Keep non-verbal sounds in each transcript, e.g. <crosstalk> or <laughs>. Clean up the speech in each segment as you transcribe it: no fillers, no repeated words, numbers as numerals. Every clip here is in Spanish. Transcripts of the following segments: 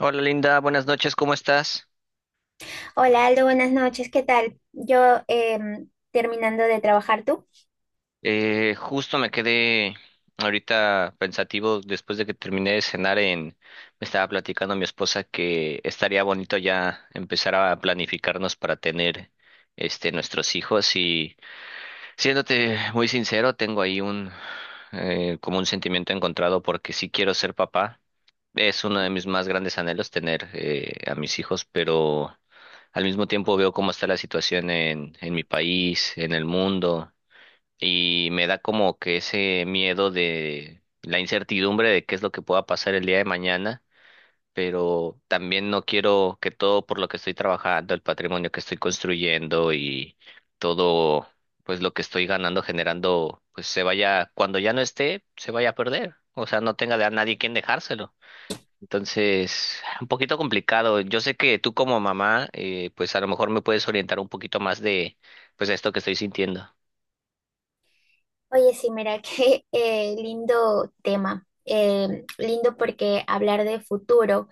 Hola Linda, buenas noches, ¿cómo estás? Hola Aldo, buenas noches, ¿qué tal? Yo terminando de trabajar tú. Justo me quedé ahorita pensativo después de que terminé de cenar me estaba platicando mi esposa que estaría bonito ya empezar a planificarnos para tener este nuestros hijos. Siéndote muy sincero, tengo ahí un como un sentimiento encontrado porque sí quiero ser papá. Es uno de mis más grandes anhelos tener a mis hijos, pero al mismo tiempo veo cómo está la situación en mi país, en el mundo, y me da como que ese miedo de la incertidumbre de qué es lo que pueda pasar el día de mañana, pero también no quiero que todo por lo que estoy trabajando, el patrimonio que estoy construyendo y todo, pues lo que estoy ganando, generando, pues se vaya, cuando ya no esté, se vaya a perder. O sea, no tenga de a nadie quien dejárselo. Entonces, un poquito complicado. Yo sé que tú como mamá, pues a lo mejor me puedes orientar un poquito más de, pues esto que estoy sintiendo. Oye, sí, mira, <laughs> qué lindo tema. Lindo porque hablar de futuro.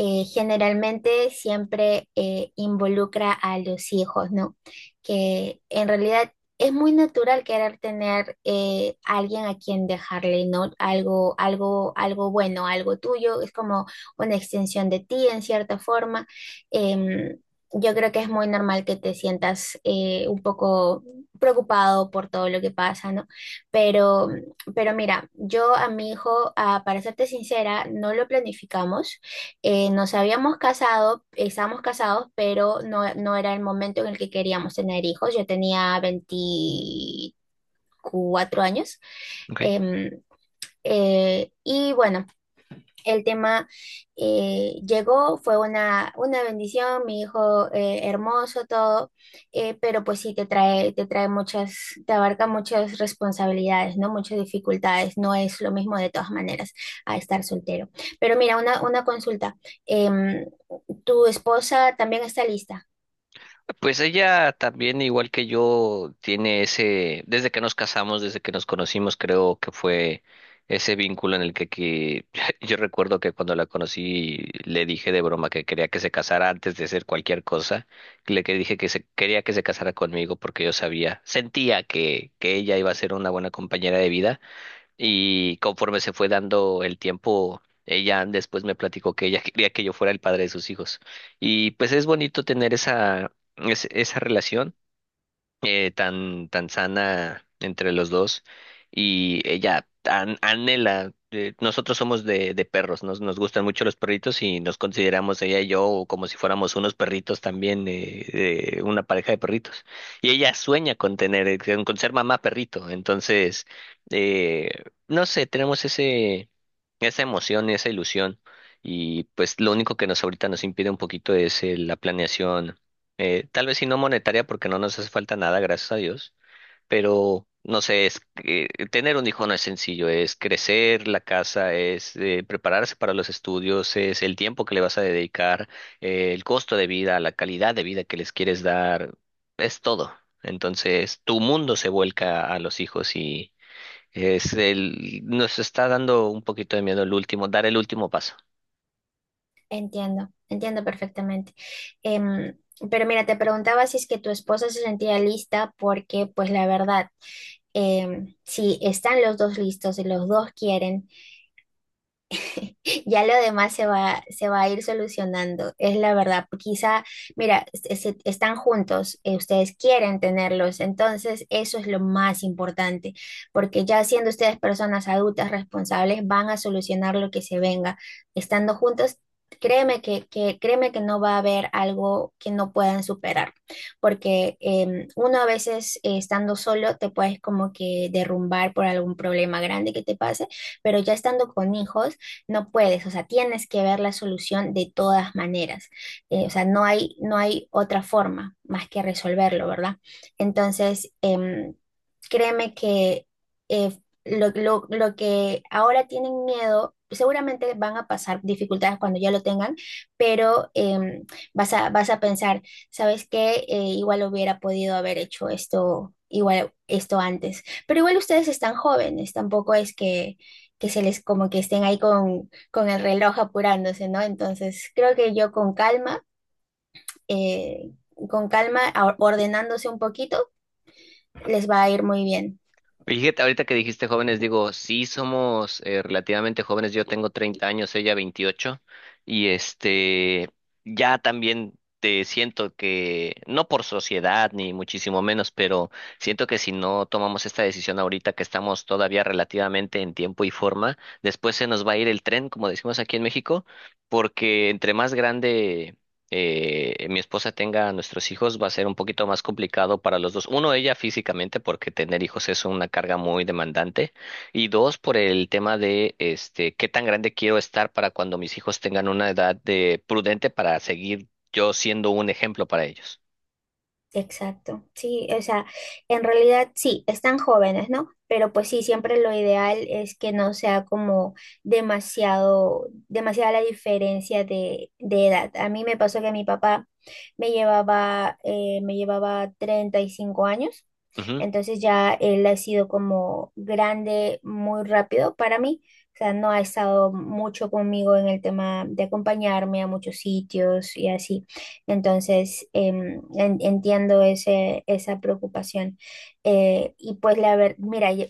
Generalmente siempre involucra a los hijos, ¿no? Que en realidad es muy natural querer tener alguien a quien dejarle, ¿no? Algo algo bueno, algo tuyo, es como una extensión de ti en cierta forma. Em, yo creo que es muy normal que te sientas un poco preocupado por todo lo que pasa, ¿no? Pero pero mira, yo a mi hijo, ah, para serte sincera, no lo planificamos, nos habíamos casado, estábamos casados, pero no, no era el momento en el que queríamos tener hijos. Yo tenía 24 años. Ok. em, y bueno, el tema llegó, fue una bendición, mi hijo hermoso, todo, pero pues sí te trae, te abarca muchas responsabilidades, ¿no? Muchas dificultades, no es lo mismo de todas maneras a estar soltero. Pero mira, una consulta, em, ¿tu esposa también está lista? Pues ella también, igual que yo, tiene ese, desde que nos casamos, desde que nos conocimos, creo que fue ese vínculo en el que <laughs> yo recuerdo que cuando la conocí le dije de broma que quería que se casara antes de hacer cualquier cosa, le que dije que se, quería que se casara conmigo porque yo sabía, sentía que ella iba a ser una buena compañera de vida. Y conforme se fue dando el tiempo, ella después me platicó que ella <laughs> quería que yo fuera el padre de sus hijos. Y pues es bonito tener esa, esa relación tan, tan sana entre los dos. Y ella anhela, nosotros somos de perros, nos gustan mucho los perritos y nos consideramos ella y yo como si fuéramos unos perritos también, una pareja de perritos. Y ella sueña con tener, con ser mamá perrito, entonces, eh, no sé, tenemos ese, esa emoción, esa ilusión. Y pues lo único que nos ahorita nos impide un poquito es la planeación, tal vez sí no monetaria porque no nos hace falta nada, gracias a Dios, pero no sé, es que tener un hijo no es sencillo, es crecer la casa, es prepararse para los estudios, es el tiempo que le vas a dedicar, el costo de vida, la calidad de vida que les quieres dar, es todo. Entonces, tu mundo se vuelca a los hijos y es el, nos está dando un poquito de miedo el último, dar el último paso. Entiendo, entiendo perfectamente. Em, pero mira, te preguntaba si es que tu esposa se sentía lista porque, pues la verdad, si están los dos listos y los dos quieren, ya lo demás se va a ir solucionando, es la verdad. Quizá, mira, están juntos, ustedes quieren tenerlos, entonces eso es lo más importante, porque ya siendo ustedes personas adultas responsables, van a solucionar lo que se venga. Estando juntos, créeme créeme que no va a haber algo que no puedan superar, porque uno a veces estando solo te puedes como que derrumbar por algún problema grande que te pase, pero ya estando con hijos, no puedes, o sea, tienes que ver la solución de todas maneras. O sea, no hay, no hay otra forma más que resolverlo, ¿verdad? Entonces, créeme que eh, lo que ahora tienen miedo, seguramente van a pasar dificultades cuando ya lo tengan, pero vas a pensar, ¿sabes qué? Igual hubiera podido haber hecho esto, igual esto antes. Pero igual ustedes están jóvenes, tampoco es que se les como que estén ahí con el reloj apurándose, ¿no? Entonces, creo que yo eh, con calma, ordenándose un poquito, les va a ir muy bien. Y fíjate, ahorita que dijiste jóvenes, digo, sí somos relativamente jóvenes, yo tengo 30 años, ella 28, y este, ya también te siento que, no por sociedad ni muchísimo menos, pero siento que si no tomamos esta decisión ahorita que estamos todavía relativamente en tiempo y forma, después se nos va a ir el tren, como decimos aquí en México, porque entre más grande mi esposa tenga a nuestros hijos va a ser un poquito más complicado para los dos. Uno, ella físicamente, porque tener hijos es una carga muy demandante. Y dos, por el tema de este, qué tan grande quiero estar para cuando mis hijos tengan una edad de prudente para seguir yo siendo un ejemplo para ellos. Exacto, sí, o sea, en realidad sí, están jóvenes, ¿no? Pero pues sí, siempre lo ideal es que no sea como demasiado, demasiada la diferencia de edad. A mí me pasó que mi papá me llevaba 35 años, entonces ya él ha sido como grande muy rápido para mí. O sea, no ha estado mucho conmigo en el tema de acompañarme a muchos sitios y así. Entonces, entiendo ese, esa preocupación. Y pues, mira,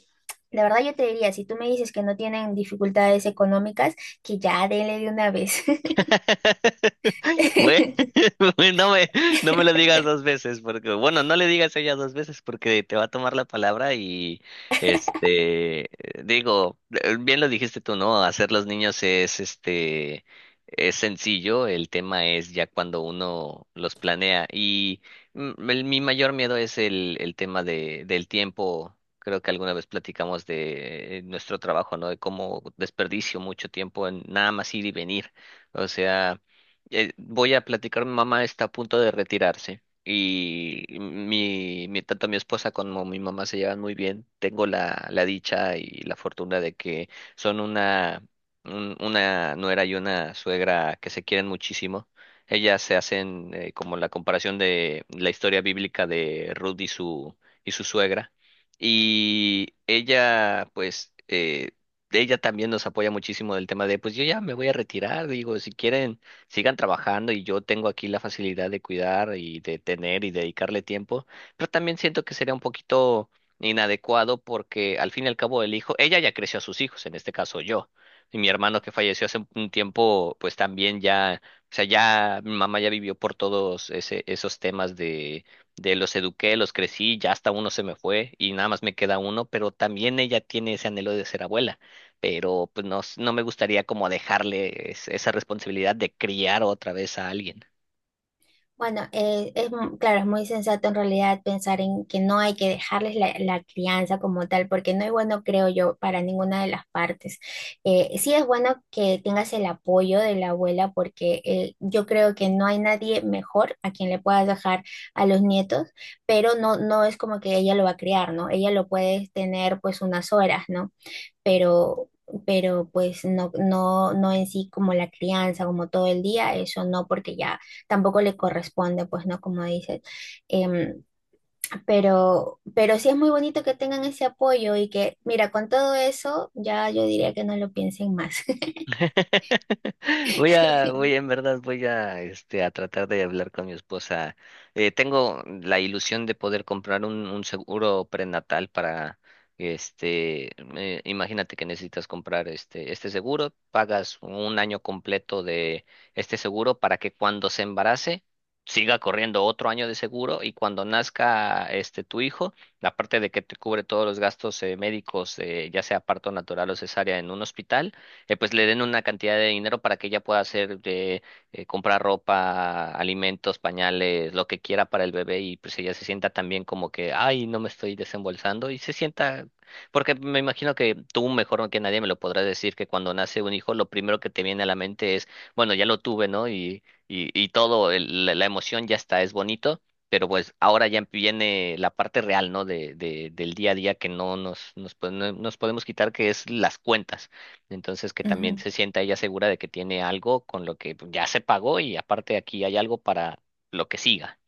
la verdad yo te diría, si tú me dices que no tienen dificultades económicas, que ya dele de una vez. <laughs> Bue- <laughs> <laughs> Bueno, no me lo digas dos veces, porque, bueno, no le digas a ella dos veces porque te va a tomar la palabra y, este, digo, bien lo dijiste tú, ¿no? Hacer los niños es, este, es sencillo, el tema es ya cuando uno los planea y mi mayor miedo es el tema de, del tiempo. Creo que alguna vez platicamos de nuestro trabajo, ¿no? De cómo desperdicio mucho tiempo en nada más ir y venir. O sea, voy a platicar, mi mamá está a punto de retirarse y tanto mi esposa como mi mamá se llevan muy bien. Tengo la dicha y la fortuna de que son una, una nuera y una suegra que se quieren muchísimo. Ellas se hacen como la comparación de la historia bíblica de Ruth y su suegra. Y ella, pues ella también nos apoya muchísimo del tema de, pues yo ya me voy a retirar, digo, si quieren, sigan trabajando y yo tengo aquí la facilidad de cuidar y de tener y dedicarle tiempo, pero también siento que sería un poquito inadecuado porque al fin y al cabo el hijo, ella ya creció a sus hijos, en este caso yo, y mi hermano que falleció hace un tiempo, pues también ya, o sea, ya mi mamá ya vivió por todos ese, esos temas De los eduqué, los crecí, ya hasta uno se me fue y nada más me queda uno, pero también ella tiene ese anhelo de ser abuela, pero pues no, no me gustaría como dejarle esa responsabilidad de criar otra vez a alguien. Bueno, claro, es muy sensato en realidad pensar en que no hay que dejarles la crianza como tal, porque no es bueno, creo yo, para ninguna de las partes. Sí es bueno que tengas el apoyo de la abuela, porque yo creo que no hay nadie mejor a quien le puedas dejar a los nietos, pero no, no es como que ella lo va a criar, ¿no? Ella lo puede tener pues unas horas, ¿no? pero, pero pues no, no, no en sí como la crianza, como todo el día, eso no, porque ya tampoco le corresponde, pues no, como dices. Em, pero sí es muy bonito que tengan ese apoyo y que, mira, con todo eso, ya yo diría que no lo piensen más. <laughs> Voy <laughs> en verdad, voy a, este, a tratar de hablar con mi esposa. Tengo la ilusión de poder comprar un seguro prenatal para, este, imagínate que necesitas comprar este, este seguro, pagas un año completo de este seguro para que cuando se embarace siga corriendo otro año de seguro y cuando nazca este tu hijo, aparte de que te cubre todos los gastos médicos, ya sea parto natural o cesárea en un hospital, pues le den una cantidad de dinero para que ella pueda hacer de comprar ropa, alimentos, pañales, lo que quiera para el bebé y pues ella se sienta también como que, ay, no me estoy desembolsando y se sienta, porque me imagino que tú mejor no que nadie me lo podrás decir que cuando nace un hijo lo primero que te viene a la mente es, bueno, ya lo tuve, ¿no? Y, y todo, la emoción ya está, es bonito, pero pues ahora ya viene la parte real, ¿no? Del día a día que no no nos podemos quitar, que es las cuentas. Entonces, que también Ujú. se sienta ella segura de que tiene algo con lo que ya se pagó y aparte aquí hay algo para lo que siga.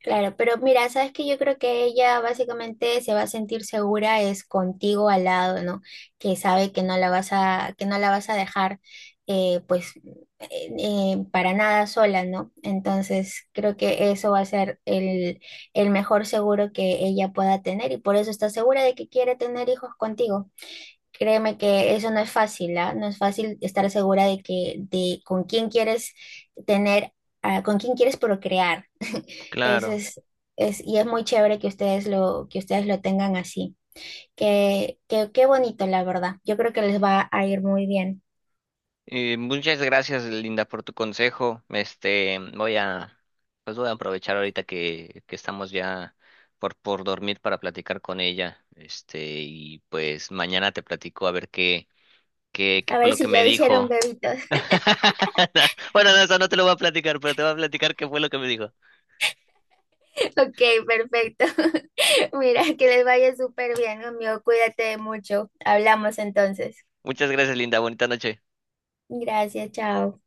Claro, pero mira, sabes que yo creo que ella básicamente se va a sentir segura es contigo al lado, ¿no? Que sabe que no la vas a, que no la vas a dejar, eh, pues, eh, para nada sola, ¿no? Entonces creo que eso va a ser el mejor seguro que ella pueda tener y por eso está segura de que quiere tener hijos contigo. Créeme que eso no es fácil, ¿ah? No es fácil estar segura de que, de con quién quieres tener, ah, con quién quieres procrear. Ese y es muy chévere que que ustedes lo tengan así. Qué bonito, la verdad. Yo creo que les va a ir muy bien. Muchas gracias, Linda, por tu consejo. Este, pues voy a aprovechar ahorita que estamos ya por dormir para platicar con ella. Este, y pues mañana te platico a ver qué A fue ver lo que si me ya hicieron dijo. bebitos. <laughs> <laughs> Bueno, no, eso no te lo voy a platicar, pero te voy a platicar qué fue lo que me dijo. Ok, perfecto. <laughs> Mira, que les vaya súper bien, amigo. Cuídate mucho. Hablamos entonces. Muchas gracias, Linda. Bonita noche. Gracias, chao.